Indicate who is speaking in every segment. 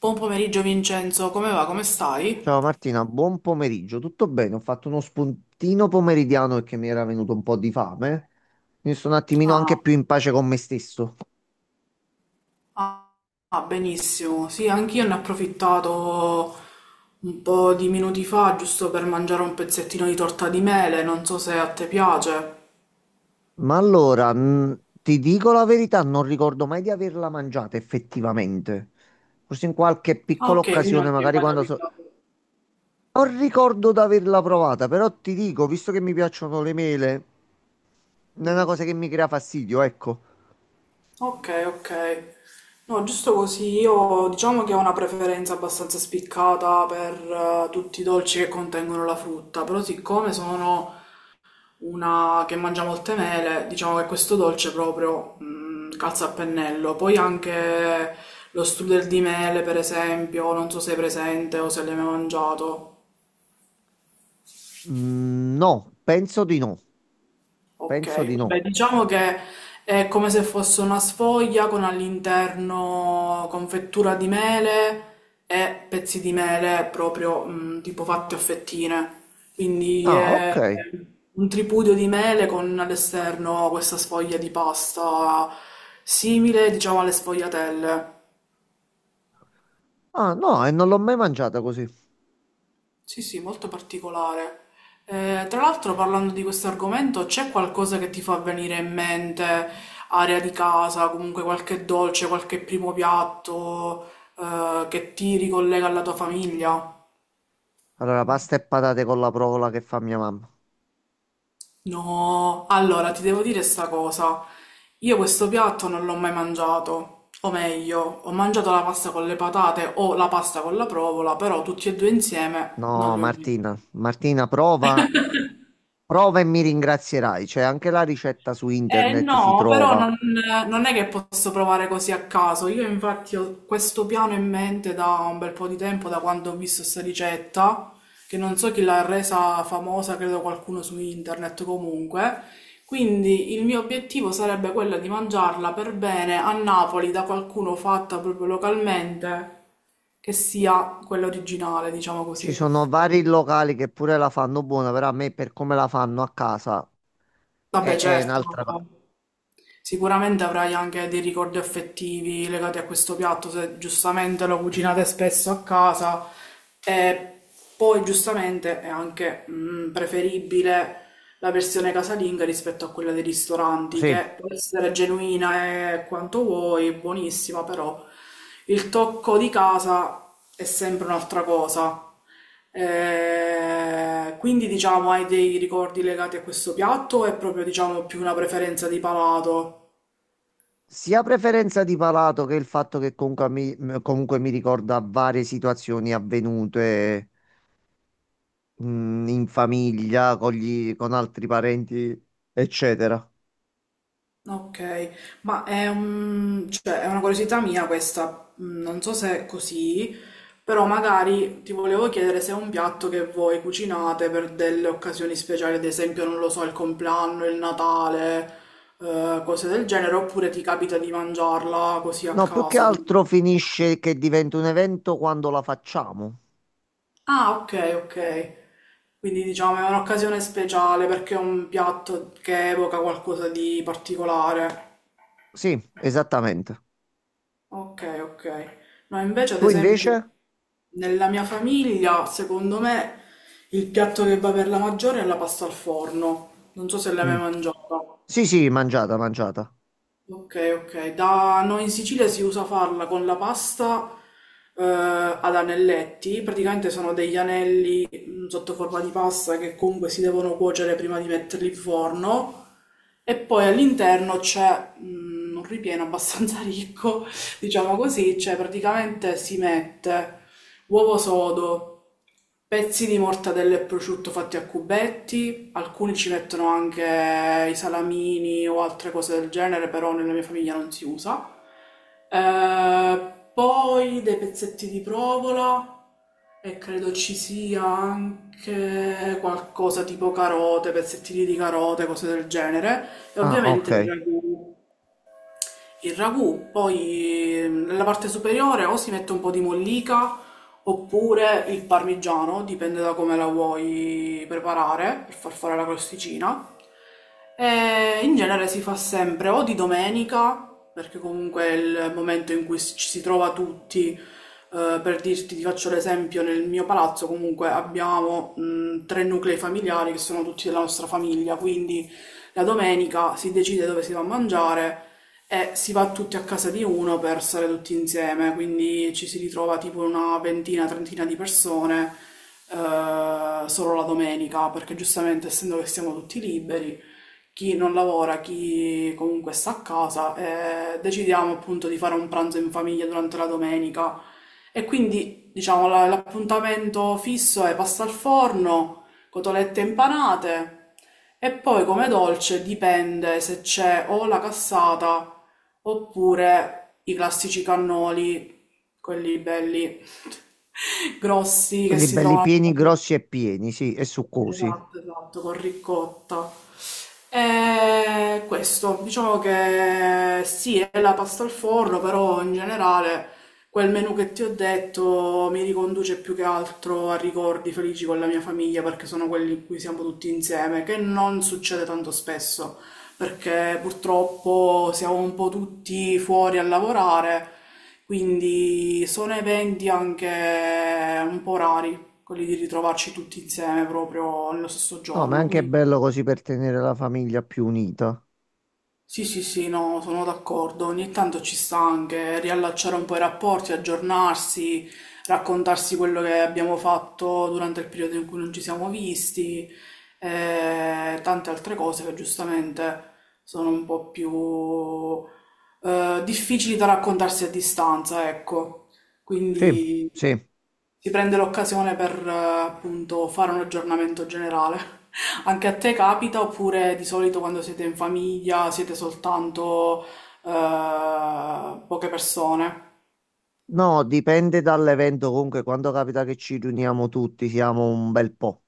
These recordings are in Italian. Speaker 1: Buon pomeriggio Vincenzo, come va? Come stai?
Speaker 2: Ciao Martina, buon pomeriggio. Tutto bene? Ho fatto uno spuntino pomeridiano perché mi era venuto un po' di fame. Mi sono un attimino anche
Speaker 1: Ah,
Speaker 2: più in pace con me stesso.
Speaker 1: ah, ah, benissimo. Sì, anch'io ne ho approfittato un po' di minuti fa, giusto per mangiare un pezzettino di torta di mele, non so se a te piace.
Speaker 2: Ma allora, ti dico la verità, non ricordo mai di averla mangiata effettivamente. Forse in qualche
Speaker 1: Ah,
Speaker 2: piccola
Speaker 1: ok, quindi
Speaker 2: occasione,
Speaker 1: non ti è
Speaker 2: magari
Speaker 1: mai
Speaker 2: quando so...
Speaker 1: capitato.
Speaker 2: Non ricordo di averla provata, però ti dico, visto che mi piacciono le mele, non è una
Speaker 1: Mm.
Speaker 2: cosa che mi crea fastidio, ecco.
Speaker 1: Ok, ok. No, giusto così, io diciamo che ho una preferenza abbastanza spiccata per tutti i dolci che contengono la frutta, però siccome sono una che mangia molte mele, diciamo che questo dolce proprio calza a pennello. Poi anche lo strudel di mele, per esempio, non so se è presente o se l'hai mai mangiato.
Speaker 2: Mm, no, penso di no. Penso di
Speaker 1: Ok, beh,
Speaker 2: no.
Speaker 1: diciamo che è come se fosse una sfoglia con all'interno confettura di mele e pezzi di mele proprio tipo fatti a fettine. Quindi
Speaker 2: Ah,
Speaker 1: è
Speaker 2: ok.
Speaker 1: un tripudio di mele con all'esterno questa sfoglia di pasta simile, diciamo, alle sfogliatelle.
Speaker 2: Ah, no, e non l'ho mai mangiata così.
Speaker 1: Sì, sì, molto particolare. Tra l'altro, parlando di questo argomento, c'è qualcosa che ti fa venire in mente, area di casa, comunque qualche dolce, qualche primo piatto, che ti ricollega alla tua famiglia?
Speaker 2: Allora, pasta e patate con la provola che fa mia mamma.
Speaker 1: No, allora ti devo dire sta cosa. Io questo piatto non l'ho mai mangiato, o meglio, ho mangiato la pasta con le patate o la pasta con la provola, però tutti e due insieme non
Speaker 2: No,
Speaker 1: li ho mai.
Speaker 2: Martina, Martina, prova, prova e mi ringrazierai. C'è anche la ricetta su
Speaker 1: Eh
Speaker 2: internet, si
Speaker 1: no, però
Speaker 2: trova.
Speaker 1: non è che posso provare così a caso. Io infatti ho questo piano in mente da un bel po' di tempo, da quando ho visto questa ricetta, che non so chi l'ha resa famosa, credo qualcuno su internet comunque. Quindi il mio obiettivo sarebbe quello di mangiarla per bene a Napoli da qualcuno fatta proprio localmente, che sia quella originale, diciamo
Speaker 2: Ci sono
Speaker 1: così.
Speaker 2: vari locali che pure la fanno buona, però a me per come la fanno a casa
Speaker 1: Vabbè,
Speaker 2: è
Speaker 1: certo.
Speaker 2: un'altra cosa.
Speaker 1: Sicuramente avrai anche dei ricordi affettivi legati a questo piatto, se giustamente lo cucinate spesso a casa e poi giustamente è anche preferibile la versione casalinga rispetto a quella dei ristoranti,
Speaker 2: Sì,
Speaker 1: che può essere genuina e quanto vuoi, buonissima, però il tocco di casa è sempre un'altra cosa. Quindi diciamo, hai dei ricordi legati a questo piatto o è proprio diciamo più una preferenza di palato?
Speaker 2: sia preferenza di palato che il fatto che comunque comunque mi ricorda varie situazioni avvenute, in famiglia, con altri parenti, eccetera.
Speaker 1: Ok, ma cioè, è una curiosità mia questa, non so se è così, però magari ti volevo chiedere se è un piatto che voi cucinate per delle occasioni speciali, ad esempio, non lo so, il compleanno, il Natale, cose del genere, oppure ti capita di mangiarla così a
Speaker 2: No, più che
Speaker 1: caso.
Speaker 2: altro finisce che diventa un evento quando la facciamo.
Speaker 1: Ah, ok, ok. Quindi diciamo è un'occasione speciale perché è un piatto che evoca qualcosa di particolare.
Speaker 2: Sì, esattamente.
Speaker 1: Ok, ok. No, invece, ad
Speaker 2: Tu
Speaker 1: esempio,
Speaker 2: invece?
Speaker 1: nella mia famiglia, secondo me, il piatto che va per la maggiore è la pasta al forno. Non so se l'hai
Speaker 2: Mm.
Speaker 1: mai mangiata.
Speaker 2: Sì, sì, mangiata, mangiata.
Speaker 1: Ok, ok. Da noi in Sicilia si usa farla con la pasta ad anelletti, praticamente sono degli anelli sotto forma di pasta che comunque si devono cuocere prima di metterli in forno e poi all'interno c'è un ripieno abbastanza ricco, diciamo così, cioè praticamente si mette uovo sodo, pezzi di mortadella e prosciutto fatti a cubetti, sì, alcuni ci mettono anche i salamini o altre cose del genere, però nella mia famiglia non si usa. Poi dei pezzetti di provola e credo ci sia anche qualcosa tipo carote, pezzettini di carote, cose del genere. E
Speaker 2: Ah,
Speaker 1: ovviamente
Speaker 2: ok.
Speaker 1: il ragù, poi nella parte superiore o si mette un po' di mollica oppure il parmigiano, dipende da come la vuoi preparare per far fare la crosticina. E in genere si fa sempre o di domenica, perché comunque è il momento in cui ci si trova tutti. Per dirti, ti faccio l'esempio, nel mio palazzo comunque abbiamo tre nuclei familiari che sono tutti della nostra famiglia, quindi la domenica si decide dove si va a mangiare e si va tutti a casa di uno per stare tutti insieme, quindi ci si ritrova tipo una ventina, trentina di persone solo la domenica, perché giustamente essendo che siamo tutti liberi, chi non lavora, chi comunque sta a casa, decidiamo appunto di fare un pranzo in famiglia durante la domenica. E quindi, diciamo, l'appuntamento fisso è pasta al forno, cotolette impanate. E poi come dolce dipende se c'è o la cassata oppure i classici cannoli, quelli belli grossi che
Speaker 2: Quelli
Speaker 1: si
Speaker 2: belli
Speaker 1: trovano.
Speaker 2: pieni, grossi e pieni, sì, e succosi.
Speaker 1: Esatto, esatto, con ricotta. E questo, diciamo che sì, è la pasta al forno, però in generale quel menù che ti ho detto mi riconduce più che altro a ricordi felici con la mia famiglia perché sono quelli in cui siamo tutti insieme, che non succede tanto spesso perché purtroppo siamo un po' tutti fuori a lavorare, quindi sono eventi anche un po' rari, quelli di ritrovarci tutti insieme proprio nello stesso
Speaker 2: No, ma è
Speaker 1: giorno,
Speaker 2: anche
Speaker 1: quindi.
Speaker 2: bello così per tenere la famiglia più unita.
Speaker 1: Sì, sì, sì, no, sono d'accordo. Ogni tanto ci sta anche riallacciare un po' i rapporti, aggiornarsi, raccontarsi quello che abbiamo fatto durante il periodo in cui non ci siamo visti, e tante altre cose che giustamente sono un po' più difficili da raccontarsi a distanza, ecco.
Speaker 2: Sì,
Speaker 1: Quindi
Speaker 2: sì.
Speaker 1: si prende l'occasione per appunto fare un aggiornamento generale. Anche a te capita oppure di solito quando siete in famiglia siete soltanto poche persone?
Speaker 2: No, dipende dall'evento. Comunque, quando capita che ci riuniamo tutti, siamo un bel po'.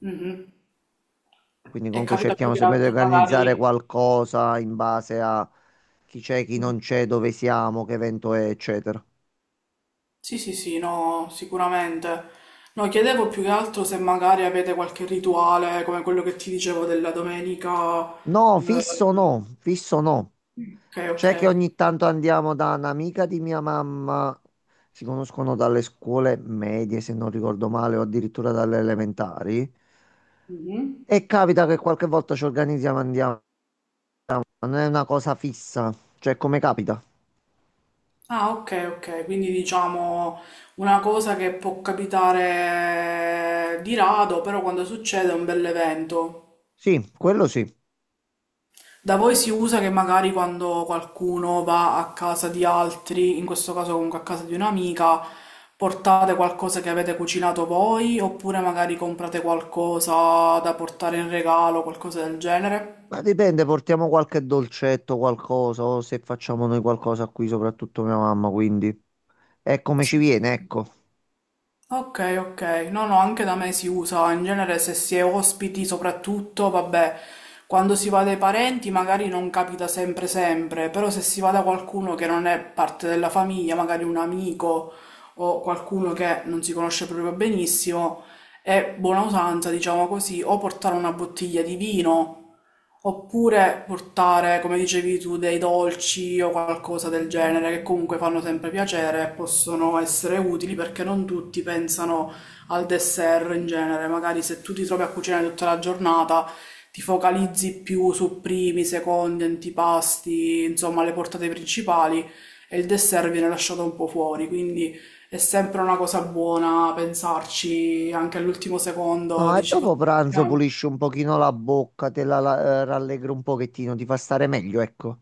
Speaker 1: Mhm.
Speaker 2: Quindi
Speaker 1: E
Speaker 2: comunque
Speaker 1: capita più
Speaker 2: cerchiamo
Speaker 1: che
Speaker 2: sempre di
Speaker 1: altro
Speaker 2: organizzare
Speaker 1: magari...
Speaker 2: qualcosa in base a chi c'è, chi non c'è, dove siamo, che evento è, eccetera.
Speaker 1: Sì, sì, sì, no, sicuramente. No, chiedevo più che altro se magari avete qualche rituale come quello che ti dicevo della domenica.
Speaker 2: No,
Speaker 1: eh,
Speaker 2: fisso no, fisso no.
Speaker 1: Ok, ok.
Speaker 2: C'è che ogni tanto andiamo da un'amica di mia mamma, si conoscono dalle scuole medie, se non ricordo male, o addirittura dalle elementari.
Speaker 1: Mhm.
Speaker 2: E capita che qualche volta ci organizziamo e andiamo, ma non è una cosa fissa, cioè come capita.
Speaker 1: Ah, ok, ok, quindi diciamo una cosa che può capitare di rado, però quando succede è un bell'evento.
Speaker 2: Sì, quello sì.
Speaker 1: Da voi si usa che magari quando qualcuno va a casa di altri, in questo caso comunque a casa di un'amica, portate qualcosa che avete cucinato voi, oppure magari comprate qualcosa da portare in regalo, qualcosa del genere?
Speaker 2: Ma dipende, portiamo qualche dolcetto, qualcosa, o se facciamo noi qualcosa qui, soprattutto mia mamma, quindi è come ci
Speaker 1: Sì.
Speaker 2: viene, ecco.
Speaker 1: Ok, ok. No, no, anche da me si usa. In genere se si è ospiti, soprattutto, vabbè, quando si va dai parenti magari non capita sempre sempre, però se si va da qualcuno che non è parte della famiglia, magari un amico o qualcuno che non si conosce proprio benissimo, è buona usanza, diciamo così, o portare una bottiglia di vino. Oppure portare, come dicevi tu, dei dolci o qualcosa del genere che comunque fanno sempre piacere e possono essere utili perché non tutti pensano al dessert in genere. Magari se tu ti trovi a cucinare tutta la giornata, ti focalizzi più su primi, secondi, antipasti, insomma, le portate principali e il dessert viene lasciato un po' fuori. Quindi è sempre una cosa buona pensarci anche all'ultimo secondo,
Speaker 2: No, e
Speaker 1: dici cosa
Speaker 2: dopo pranzo
Speaker 1: facciamo?
Speaker 2: pulisci un pochino la bocca, rallegri un pochettino, ti fa stare meglio, ecco.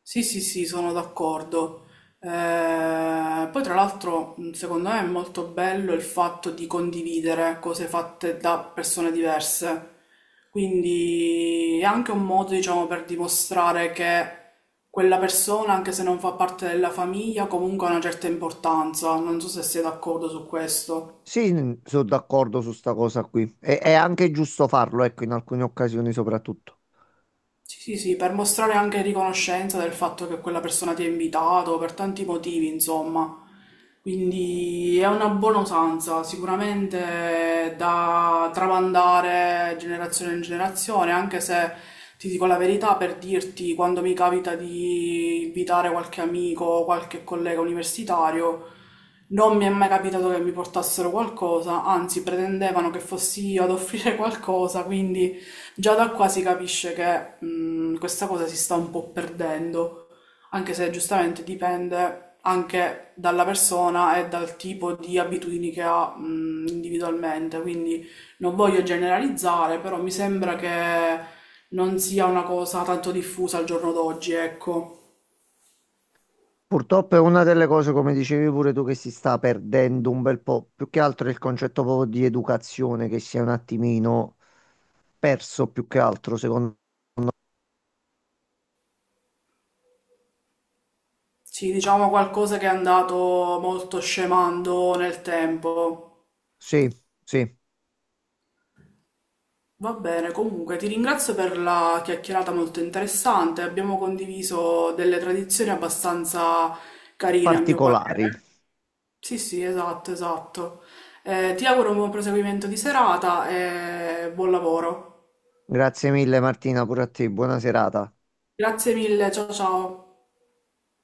Speaker 1: Sì, sì, sì, sono d'accordo. Poi tra l'altro, secondo me è molto bello il fatto di condividere cose fatte da persone diverse. Quindi è anche un modo, diciamo, per dimostrare che quella persona, anche se non fa parte della famiglia, comunque ha una certa importanza. Non so se sei d'accordo su questo.
Speaker 2: Sì, sono d'accordo su sta cosa qui. E, è anche giusto farlo, ecco, in alcune occasioni soprattutto.
Speaker 1: Sì, sì, sì, per mostrare anche riconoscenza del fatto che quella persona ti ha invitato per tanti motivi, insomma. Quindi è una buona usanza, sicuramente da tramandare generazione in generazione, anche se ti dico la verità per dirti, quando mi capita di invitare qualche amico o qualche collega universitario, non mi è mai capitato che mi portassero qualcosa, anzi pretendevano che fossi io ad offrire qualcosa, quindi... Già da qua si capisce che questa cosa si sta un po' perdendo, anche se giustamente dipende anche dalla persona e dal tipo di abitudini che ha individualmente. Quindi non voglio generalizzare, però mi sembra che non sia una cosa tanto diffusa al giorno d'oggi, ecco.
Speaker 2: Purtroppo è una delle cose, come dicevi pure tu, che si sta perdendo un bel po'. Più che altro è il concetto proprio di educazione, che si è un attimino perso più che altro, secondo me.
Speaker 1: Sì, diciamo qualcosa che è andato molto scemando nel tempo.
Speaker 2: Sì, sì,
Speaker 1: Va bene, comunque ti ringrazio per la chiacchierata molto interessante. Abbiamo condiviso delle tradizioni abbastanza carine, a mio
Speaker 2: particolari.
Speaker 1: parere. Sì, sì, esatto, esatto. Ti auguro un buon proseguimento di serata e buon lavoro.
Speaker 2: Grazie mille Martina, pure a te, buona serata.
Speaker 1: Grazie mille, ciao ciao.